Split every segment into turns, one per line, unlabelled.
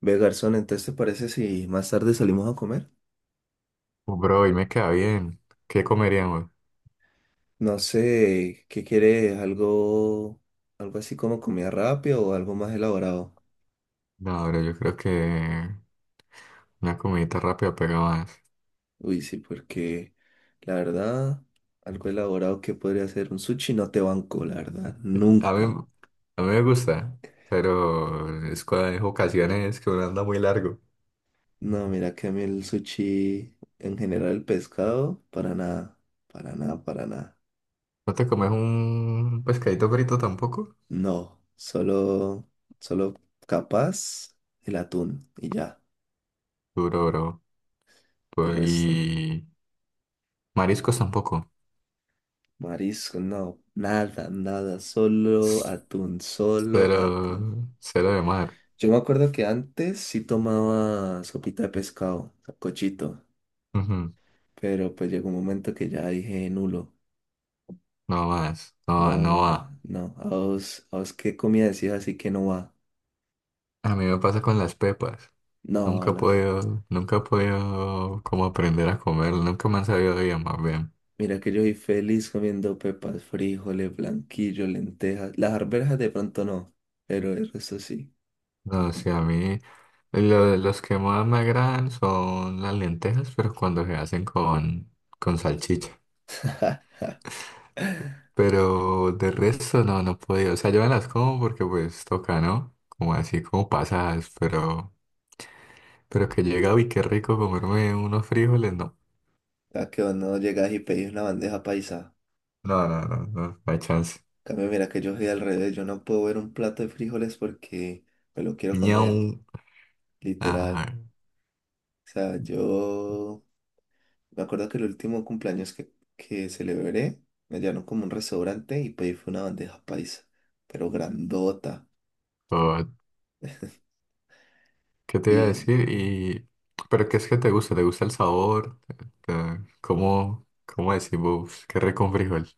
Ve, garzón, entonces te parece si más tarde salimos a comer?
Bro, hoy me queda bien. ¿Qué comeríamos?
No sé, ¿qué quieres? ¿Algo así como comida rápida o algo más elaborado?
No, bro, yo creo que una comidita rápida pega más.
Uy, sí, porque la verdad, algo elaborado que podría ser un sushi no te banco, la verdad,
A mí,
nunca.
a mí me gusta, pero es cuando hay ocasiones que uno anda muy largo.
No, mira que a mí el sushi, en general el pescado, para nada, para nada, para nada.
¿No te comes un pescadito frito tampoco?
No, solo capaz el atún y ya,
Duro, bro.
el
Pues,
resto no.
y mariscos tampoco.
Marisco, no, nada, nada, solo atún, solo atún.
Cero, cero de mar.
Yo me acuerdo que antes sí tomaba sopita de pescado, cochito,
Ujú.
pero pues llegó un momento que ya dije nulo.
No más, no,
No,
no
ma,
va.
no, a vos qué comida decís así que no va.
A mí me pasa con las pepas.
No,
Nunca he
las.
podido, nunca he podido como aprender a comer, nunca me han sabido bien, más bien.
Mira que yo soy feliz comiendo pepas, frijoles, blanquillo, lentejas. Las arvejas de pronto no, pero el resto sí.
No, sí, a mí los que más me agradan son las lentejas, pero cuando se hacen con salchicha. Pero de resto no, no he podido. O sea, yo me las como porque pues toca, ¿no? Como así, como pasadas, pero que llega y qué rico comerme unos frijoles, no.
¿A que vos no llegas y pedís una bandeja paisa?
No, no, no, no, no hay chance.
Cambio, mira que yo soy al revés, yo no puedo ver un plato de frijoles porque me lo quiero
Ñau.
comer, literal.
Ah,
O sea, yo me acuerdo que el último cumpleaños que celebré, me llevaron como a un restaurante y pedí fue una bandeja paisa, pero grandota.
¿qué te iba a
Y,
decir? Y... ¿pero qué es que te gusta? ¿Te gusta el sabor? ¿Te- cómo, cómo decimos? ¿Qué rico un frijol?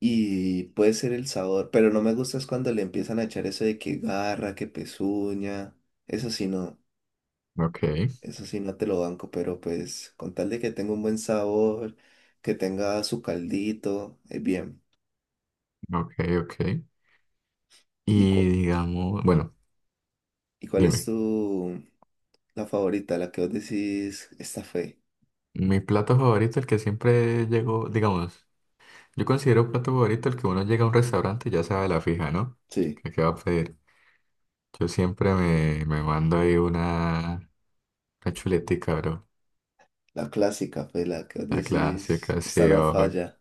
y puede ser el sabor, pero no me gusta es cuando le empiezan a echar eso de que garra, que pezuña. Eso sí no,
Ok,
eso sí no te lo banco, pero pues con tal de que tenga un buen sabor, que tenga su caldito, es bien.
ok, ok.
¿Y,
Y
cu-
digamos, bueno,
¿Y cuál es
dime,
tu la favorita? La que vos decís, esta fue.
mi plato favorito, el que siempre llego, digamos, yo considero plato favorito el que uno llega a un restaurante y ya sabe la fija, ¿no?
Sí,
¿Qué, qué va a pedir? Yo siempre me mando ahí una chuletica, bro.
la clásica fue la que vos
La
decís,
clásica,
esta
sí,
no
ojo.
falla.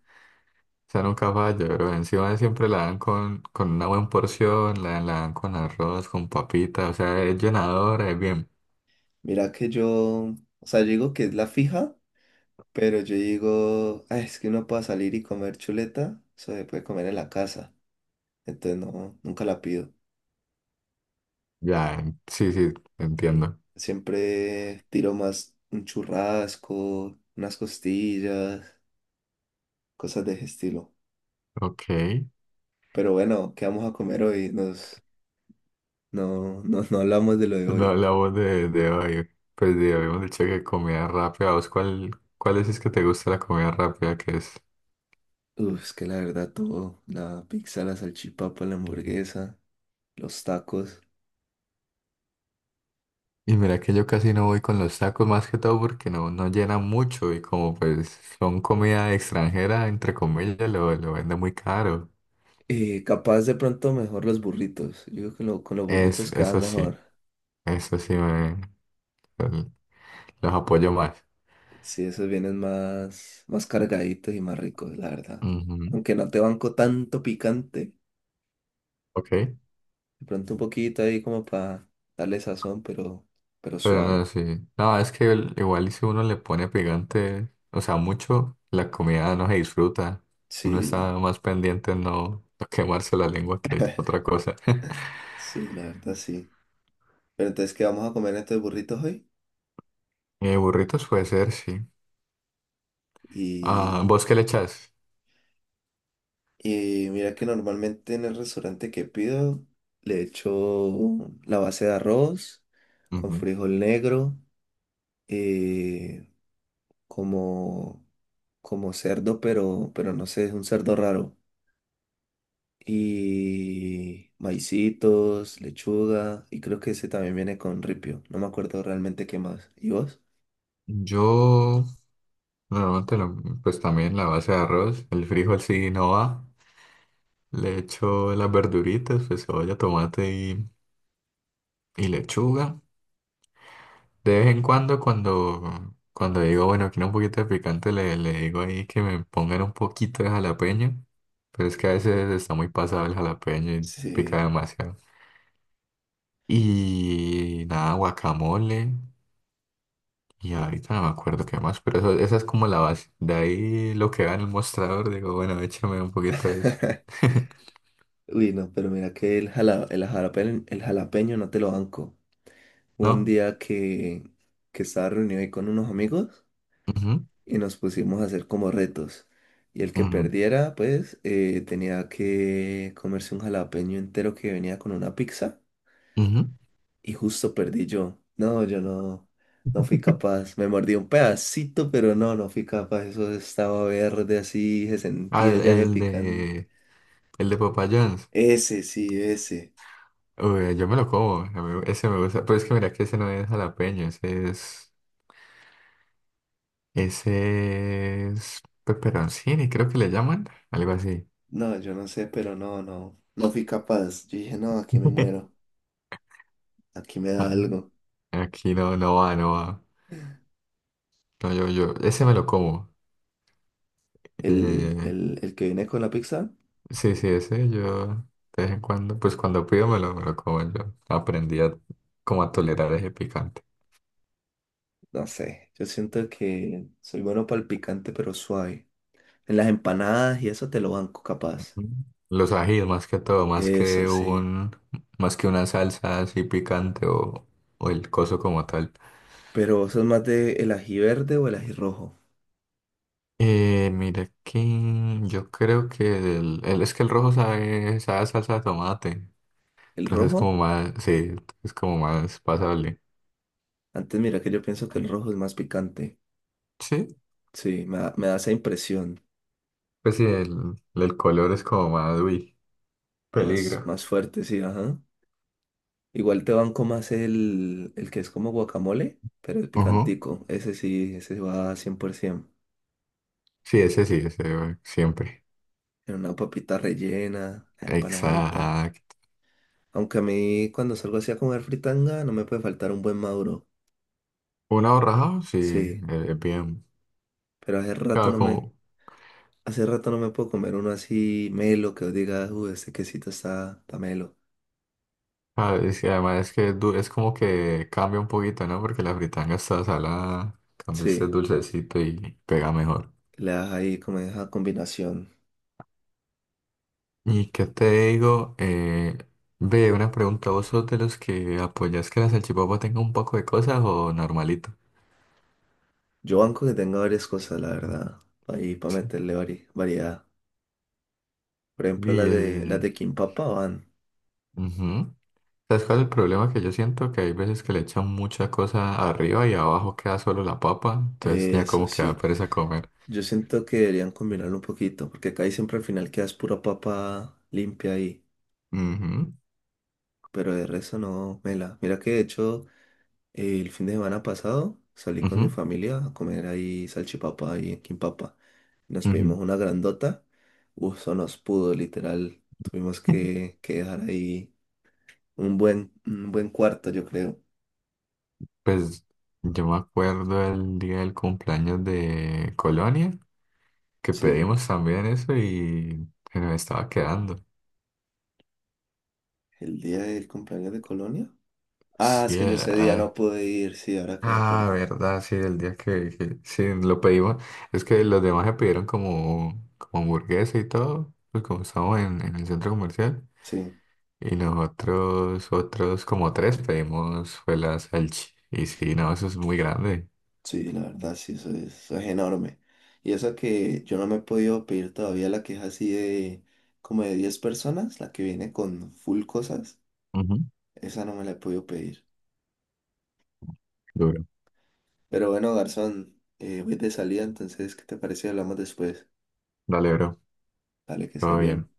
Sea, nunca falla, pero encima siempre la dan con una buena porción, la dan con arroz, con papita, o sea, es llenadora, es bien.
Mira que yo, o sea, yo digo que es la fija, pero yo digo, "Ay, es que uno puede salir y comer chuleta, eso se puede comer en la casa. Entonces no, nunca la pido.
Ya, sí, sí, entiendo.
Siempre tiro más un churrasco, unas costillas, cosas de ese estilo.
Ok,
Pero bueno, ¿qué vamos a comer hoy? Nos, no, no, No hablamos de lo de
no
hoy.
hablamos de hoy, pues de, habíamos dicho que comida rápida, ¿vos cuál, cuál es que te gusta la comida rápida que es?
Uf, es que la verdad todo, la pizza, la salchipapa, la hamburguesa, los tacos.
Y mira que yo casi no voy con los tacos más que todo porque no, no llenan mucho y como pues son comida extranjera, entre comillas, lo venden muy caro.
Capaz de pronto mejor los burritos. Yo creo que con los
Es,
burritos quedan mejor.
eso sí me... Ujú. Los apoyo más.
Sí, esos vienen más, más cargaditos y más ricos, la verdad.
Ujú.
Aunque no te banco tanto picante,
Ok.
de pronto un poquito ahí como para darle sazón, pero
Pero no,
suave.
sí. No, es que igual y si uno le pone picante, o sea, mucho, la comida no se disfruta. Uno
Sí,
está
la,
más pendiente en no, no quemarse la lengua que otra cosa.
sí, la verdad sí. Pero entonces, ¿qué vamos a comer estos burritos hoy?
Burritos puede ser, sí. Ah,
y
¿vos qué le echas?
Y mira que normalmente en el restaurante que pido le echo la base de arroz con
Ujú.
frijol negro, eh, como, como cerdo, pero no sé, es un cerdo raro. Y maicitos, lechuga, y creo que ese también viene con ripio. No me acuerdo realmente qué más. ¿Y vos?
Yo normalmente pues también la base de arroz, el frijol sí no va. Le echo las verduritas, pues cebolla, tomate y lechuga. De vez en cuando, cuando, cuando digo, bueno, quiero un poquito de picante, le digo ahí que me pongan un poquito de jalapeño. Pero es que a veces está muy pasado el jalapeño y pica
Sí.
demasiado. Y nada, guacamole. Y ahorita no me acuerdo qué más, pero eso, esa es como la base. De ahí lo que va en el mostrador, digo, bueno, échame un poquito de eso.
Uy, no, pero mira que el jalapeño no te lo banco. Hubo un
¿No?
día que, que estaba reunido ahí con unos amigos
Ujú,
y nos pusimos a hacer como retos. Y el que perdiera, pues, tenía que comerse un jalapeño entero que venía con una pizza.
ujú, ujú.
Y justo perdí yo. No, yo no fui capaz. Me mordí un pedacito, pero no, no fui capaz. Eso estaba verde así, se
Ah,
sentía ya de picante.
el de Papa John's.
Ese, sí, ese.
Uy, yo me lo como, a mí ese me gusta, pero es que mira que ese no es jalapeño, ese es peperoncini, creo que le llaman, algo así.
No, yo no sé, pero no, no. No fui capaz. Yo dije, no, aquí me muero. Aquí me
Ah,
da algo.
aquí no, no va, no va. No, yo, ese me lo como. Eh,
El que viene con la pizza,
sí, sí, ese yo de vez en cuando, pues cuando pido me lo como, yo aprendí a, como a tolerar ese picante.
no sé, yo siento que soy bueno para el picante, pero suave. En las empanadas y eso te lo banco capaz.
Mm. Los ajíes más que todo, más
Eso
que
sí.
un, más que una salsa así picante o el coso como tal.
Pero vos sos más de el ají verde o el ají rojo.
Mira que yo creo que es que el rojo sabe, sabe a salsa de tomate.
¿El
Entonces como
rojo?
más, sí, es como más pasable.
Antes mira que yo pienso que el rojo es más picante.
Sí,
Sí, me da esa impresión.
pues sí, el color es como más, uy,
Más,
peligro.
más fuerte, sí, ajá. Igual te banco más el que es como guacamole, pero el
Ujú.
picantico. Ese sí, ese va 100%.
Sí, ese siempre.
En una papita rellena, la empanadita.
Exacto.
Aunque a mí cuando salgo así a comer fritanga no me puede faltar un buen maduro.
Un aborrajado, sí,
Sí,
bien.
pero hace rato
Claro,
no me,
como,
hace rato no me puedo comer uno así melo que os diga, uy, este quesito está, está melo.
ah, y además es que es, es como que cambia un poquito, ¿no? Porque la fritanga está salada, cambia este
Sí,
dulcecito y pega mejor.
le das ahí como esa combinación.
¿Y qué te digo? Ve, una pregunta, ¿vos sos de los que apoyas que la salchipapa tenga un poco de cosas o normalito?
Yo banco que tenga varias cosas, la verdad, ahí para meterle variedad. Por ejemplo,
Y
las
el...
de Kimpapa van.
Ujú. ¿Sabes cuál es el problema que yo siento? Que hay veces que le echan mucha cosa arriba y abajo queda solo la papa, entonces ya
Eso
como que da
sí,
pereza comer.
yo siento que deberían combinarlo un poquito, porque acá siempre al final quedas pura papa limpia ahí,
Ujú,
pero de resto no, mela. Mira que de hecho... El fin de semana pasado salí con mi
ujú,
familia a comer ahí salchipapa y en Quimpapa. Nos
ujú.
pedimos una grandota. Uf, eso nos pudo, literal. Tuvimos que, que dejar ahí un buen cuarto, yo creo.
Pues yo me acuerdo el día del cumpleaños de Colonia, que
Sí,
pedimos también eso y se nos estaba quedando.
el día del cumpleaños de Colonia. Ah, es
Sí,
que yo ese día
ah,
no pude ir, sí, ahora que me
ah,
acuerdo.
verdad, sí, el día que sí lo pedimos. Es que los demás se pidieron como, como hamburguesa y todo, pues como estamos en el centro comercial.
Sí,
Y nosotros, otros como tres pedimos fue la salchi. Y sí, no, eso es muy grande.
sí, la verdad, sí, eso es enorme. Y eso que yo no me he podido pedir todavía la queja así de como de 10 personas, la que viene con full cosas.
Ujú.
Esa no me la he podido pedir.
Duro.
Pero bueno, garzón, voy de salida, entonces, ¿qué te parece? Si Hablamos después.
Dale, bro.
Dale, que esté
Todo
bien.
bien.